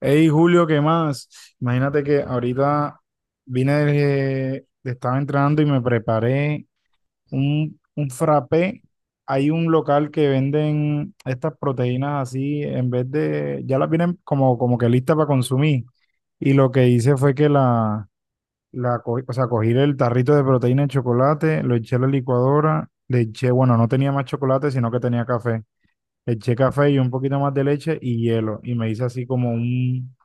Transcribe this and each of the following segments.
Hey Julio, ¿qué más? Imagínate que ahorita vine estaba entrando y me preparé un frappé. Hay un local que venden estas proteínas así, en vez de, ya las vienen como que listas para consumir. Y lo que hice fue que o sea, cogí el tarrito de proteína de chocolate, lo eché a la licuadora, le eché, bueno, no tenía más chocolate, sino que tenía café. Le eché café y un poquito más de leche y hielo. Y me hice así como un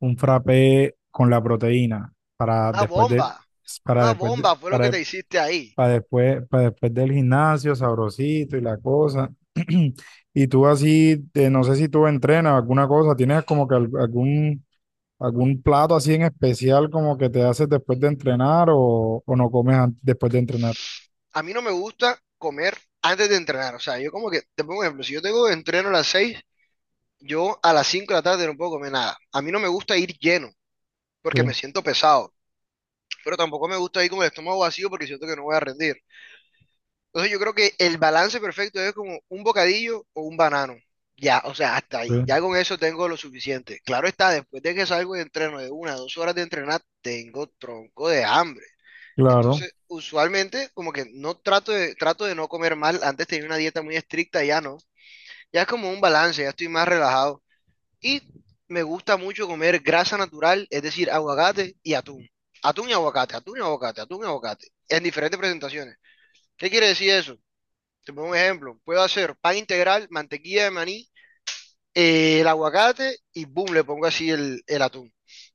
un frappé con la proteína Una bomba, para una después de- bomba fue lo que para, te hiciste ahí. Para después del gimnasio, sabrosito y la cosa. Y tú así, no sé si tú entrenas alguna cosa, tienes como que algún plato así en especial como que te haces después de entrenar o no comes después de entrenar. A mí no me gusta comer antes de entrenar. O sea, yo como que, te pongo un ejemplo, si yo tengo entreno a las 6 yo a las 5 de la tarde no puedo comer nada. A mí no me gusta ir lleno porque me Sí, siento pesado, pero tampoco me gusta ir con el estómago vacío porque siento que no voy a rendir. Entonces yo creo que el balance perfecto es como un bocadillo o un banano. Ya, o sea, hasta ahí. sí, Ya con eso tengo lo suficiente. Claro está, después de que salgo de entreno de una, a 2 horas de entrenar, tengo tronco de hambre. claro. Entonces, usualmente, como que no trato de no comer mal. Antes tenía una dieta muy estricta, ya no. Ya es como un balance, ya estoy más relajado. Y me gusta mucho comer grasa natural, es decir, aguacate y atún. Atún y aguacate, atún y aguacate, atún y aguacate. En diferentes presentaciones. ¿Qué quiere decir eso? Te pongo un ejemplo. Puedo hacer pan integral, mantequilla de maní, el aguacate y boom, le pongo así el atún.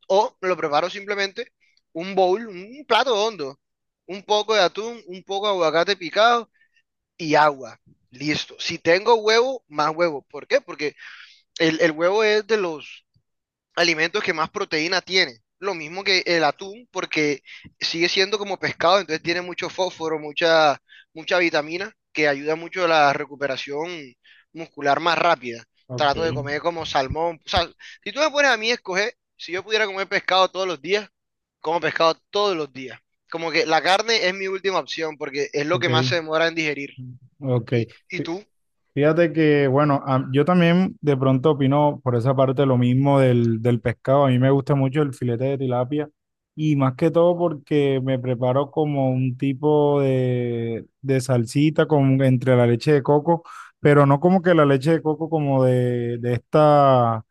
O lo preparo simplemente un bowl, un plato hondo, un poco de atún, un poco de aguacate picado y agua. Listo. Si tengo huevo, más huevo. ¿Por qué? Porque el huevo es de los alimentos que más proteína tiene. Lo mismo que el atún, porque sigue siendo como pescado, entonces tiene mucho fósforo, mucha, mucha vitamina, que ayuda mucho a la recuperación muscular más rápida. Ok, Trato de comer como salmón. O sea, si tú me pones a mí a escoger, si yo pudiera comer pescado todos los días, como pescado todos los días. Como que la carne es mi última opción, porque es lo ok, que más se demora en digerir. ok. ¿Y, tú? Fíjate que, bueno, yo también de pronto opino por esa parte lo mismo del pescado. A mí me gusta mucho el filete de tilapia y más que todo porque me preparo como un tipo de salsita con, entre la leche de coco, pero no como que la leche de coco como de esta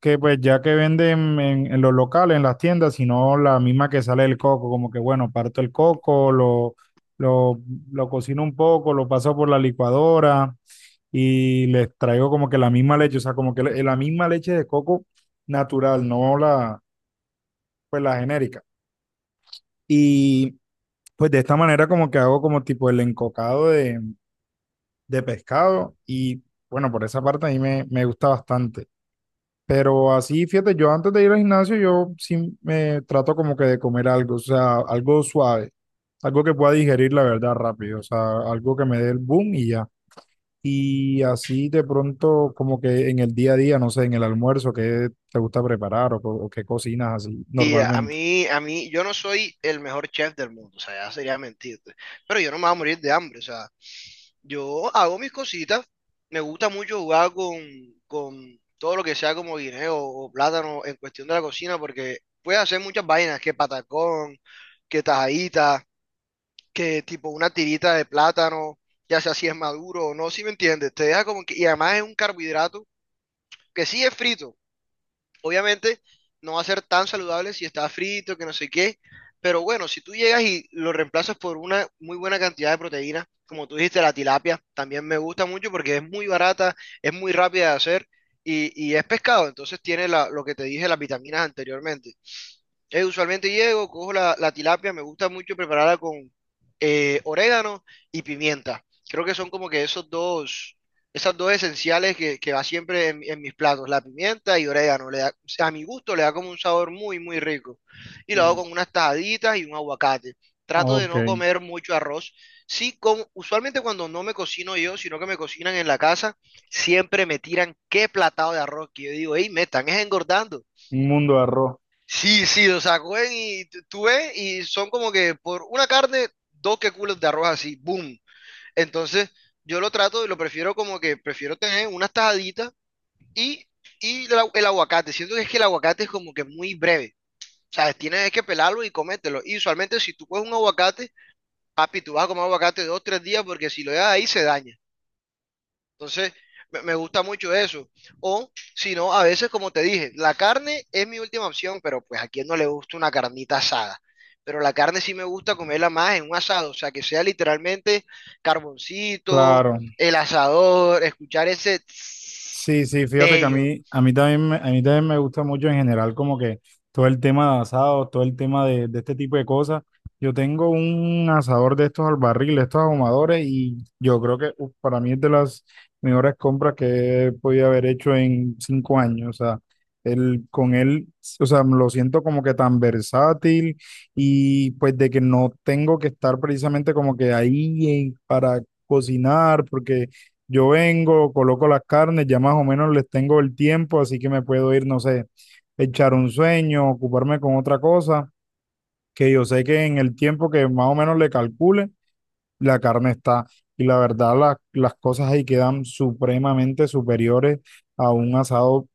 que pues ya que venden en los locales, en las tiendas, sino la misma que sale del coco, como que bueno, parto el coco, lo, lo cocino un poco, lo paso por la licuadora y les traigo como que la misma leche, o sea, como que la misma leche de coco natural, no la, pues la genérica. Y pues de esta manera como que hago como tipo el encocado de pescado y bueno, por esa parte a mí me gusta bastante. Pero así, fíjate, yo antes de ir al gimnasio, yo sí me trato como que de comer algo, o sea, algo suave, algo que pueda digerir la verdad rápido, o sea, algo que me dé el boom y ya. Y así de pronto, como que en el día a día, no sé, en el almuerzo, ¿qué te gusta preparar o, o qué cocinas así Y a normalmente? mí, a mí, yo no soy el mejor chef del mundo, o sea, ya sería mentirte, pero yo no me voy a morir de hambre. O sea, yo hago mis cositas, me gusta mucho jugar con todo lo que sea como guineo o plátano en cuestión de la cocina, porque puedes hacer muchas vainas, que patacón, que tajadita, que tipo una tirita de plátano, ya sea si es maduro o no, si me entiendes, te deja como que, y además es un carbohidrato que sí es frito. Obviamente no va a ser tan saludable si está frito, que no sé qué, pero bueno, si tú llegas y lo reemplazas por una muy buena cantidad de proteína, como tú dijiste, la tilapia también me gusta mucho porque es muy barata, es muy rápida de hacer y es pescado, entonces tiene la- lo que te dije, las vitaminas anteriormente. Usualmente llego, cojo la tilapia, me gusta mucho prepararla con orégano y pimienta. Creo que son como que esos dos, esas dos esenciales que va siempre en mis platos, la pimienta y orégano. Le da- o sea, a mi gusto le da como un sabor muy, muy rico. Y lo Sí. hago con unas tajaditas y un aguacate. Ah, Trato de ok, no comer mucho arroz. Sí, como, usualmente cuando no me cocino yo, sino que me cocinan en la casa, siempre me tiran qué platado de arroz que yo digo, hey, me están es engordando. un mundo de arroz. Sí, sí, o sea, cogen y t- tú ves y son como que por una carne, dos que culos de arroz así, boom. Entonces, yo lo trato y lo prefiero como que prefiero tener unas tajaditas y, y el, agu- el aguacate. Siento que es que el aguacate es como que muy breve. O sea, tienes que pelarlo y comértelo. Y usualmente si tú coges un aguacate, papi, tú vas a comer aguacate dos, tres días porque si lo dejas ahí se daña. Entonces, me gusta mucho eso. O, si no, a veces, como te dije, la carne es mi última opción, pero pues a quien no le gusta una carnita asada. Pero la carne sí me gusta comerla más en un asado, o sea, que sea literalmente carboncito, Claro. el asador, escuchar ese tss Sí, sí, fíjate que a bello. A mí también me gusta mucho en general como que todo el tema de asados, todo el tema de este tipo de cosas. Yo tengo un asador de estos al barril, de estos ahumadores y yo creo que uf, para mí es de las mejores compras que he podido haber hecho en 5 años. O sea, con él, o sea, lo siento como que tan versátil y pues de que no tengo que estar precisamente como que ahí para cocinar porque yo vengo, coloco las carnes, ya más o menos les tengo el tiempo, así que me puedo ir, no sé, echar un sueño, ocuparme con otra cosa, que yo sé que en el tiempo que más o menos le calcule, la carne está. Y la verdad, las cosas ahí quedan supremamente superiores a un asado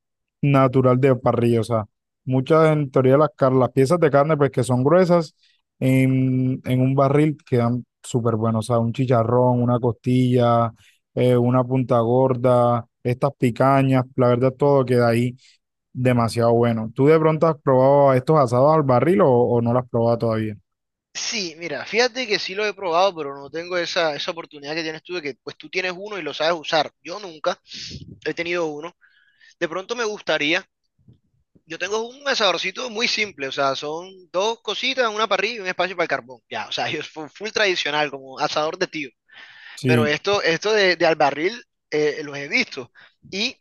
natural de parrilla. O sea, muchas en teoría las piezas de carne, pues que son gruesas, en un barril quedan súper buenos. O sea, un chicharrón, una costilla, una punta gorda, estas picañas, la verdad, todo queda ahí demasiado bueno. ¿Tú de pronto has probado estos asados al barril o no lo has probado todavía? Sí, mira, fíjate que sí lo he probado, pero no tengo esa, esa oportunidad que tienes tú de que pues tú tienes uno y lo sabes usar. Yo nunca he tenido uno. De pronto me gustaría. Yo tengo un asadorcito muy simple, o sea, son dos cositas, una parrilla y un espacio para el carbón. Ya, o sea, yo fu- full tradicional, como asador de tío. Pero Sí, esto de al barril, los he visto. Y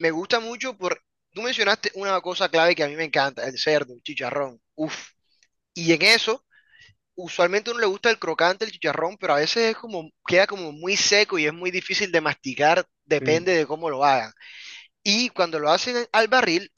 me gusta mucho por, tú mencionaste una cosa clave que a mí me encanta, el cerdo, el chicharrón. Uf. Y en eso, usualmente a uno le gusta el crocante, el chicharrón, pero a veces es como, queda como muy seco y es muy difícil de masticar, sí. depende de cómo lo hagan. Y cuando lo hacen al barril,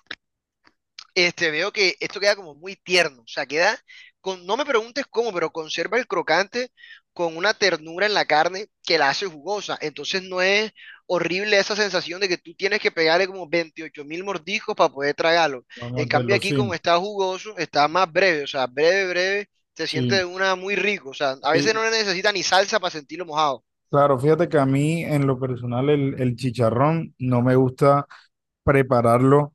este, veo que esto queda como muy tierno, o sea, queda con, no me preguntes cómo, pero conserva el crocante con una ternura en la carne que la hace jugosa. Entonces no es horrible esa sensación de que tú tienes que pegarle como 28.000 mordiscos para poder tragarlo. En Vamos de cambio los aquí como sim. está jugoso, está más breve, o sea, breve, breve, se siente Sí, de una muy rico. O sea, a veces sí, no le necesita ni salsa para sentirlo mojado. claro, fíjate que a mí en lo personal el chicharrón no me gusta prepararlo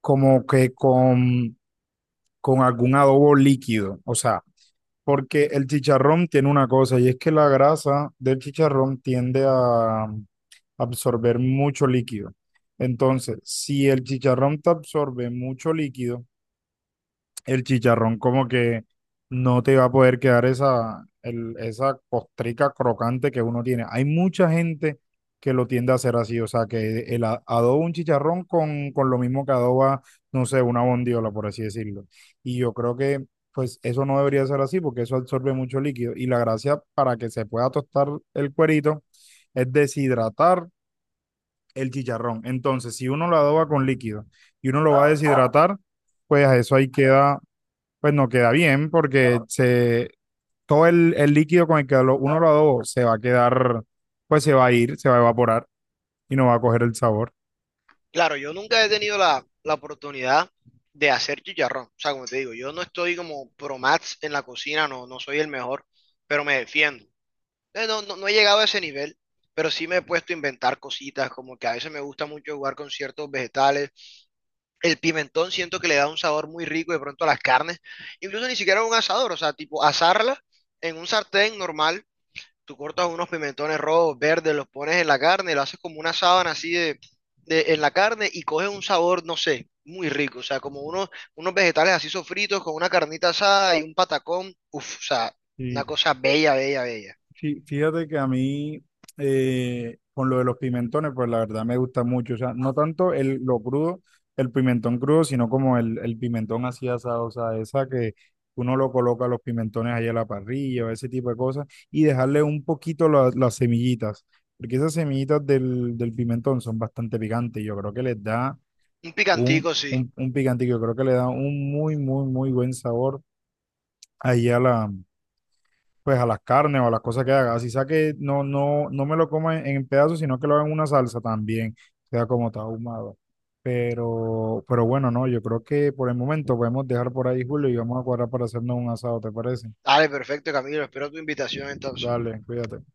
como que con, algún adobo líquido, o sea, porque el chicharrón tiene una cosa y es que la grasa del chicharrón tiende a absorber mucho líquido. Entonces, si el chicharrón te absorbe mucho líquido, el chicharrón como que no te va a poder quedar esa costrica crocante que uno tiene. Hay mucha gente que lo tiende a hacer así, o sea, que el adoba un chicharrón con lo mismo que adoba, no sé, una bondiola, por así decirlo. Y yo creo que pues eso no debería ser así porque eso absorbe mucho líquido. Y la gracia para que se pueda tostar el cuerito es deshidratar el chicharrón. Entonces, si uno lo adoba con líquido y uno lo va a deshidratar, pues a eso ahí queda pues no queda bien porque se, todo el líquido con el que uno lo adobó se va a quedar, pues se va a ir, se va a evaporar y no va a coger el sabor. Claro, yo nunca he tenido la oportunidad de hacer chicharrón. O sea, como te digo, yo no estoy como pro mats en la cocina, no, no soy el mejor, pero me defiendo. No, no, no he llegado a ese nivel, pero sí me he puesto a inventar cositas, como que a veces me gusta mucho jugar con ciertos vegetales. El pimentón siento que le da un sabor muy rico de pronto a las carnes, incluso ni siquiera a un asador, o sea, tipo asarla en un sartén normal. Tú cortas unos pimentones rojos, verdes, los pones en la carne, lo haces como una sábana así de- en la carne y coges un sabor, no sé, muy rico. O sea, como unos, unos vegetales así sofritos con una carnita asada y un patacón. Uf, o sea, una cosa bella, bella, bella. Fíjate que a mí, con lo de los pimentones, pues la verdad me gusta mucho. O sea, no tanto lo crudo, el pimentón crudo, sino como el pimentón así asado. O sea, esa que uno lo coloca los pimentones ahí a la parrilla o ese tipo de cosas. Y dejarle un poquito las semillitas. Porque esas semillitas del pimentón son bastante picantes. Yo creo que les da Un un, picantico, sí. un, un picantico. Yo creo que le da un muy, muy, muy buen sabor ahí pues a las carnes o a las cosas que haga. Así sea que no, no, no me lo coma en pedazos, sino que lo haga en una salsa también, sea como está ahumado. Pero bueno, no, yo creo que por el momento podemos dejar por ahí, Julio, y vamos a cuadrar para hacernos un asado, ¿te parece? Dale, perfecto, Camilo. Espero tu invitación entonces. Dale, cuídate.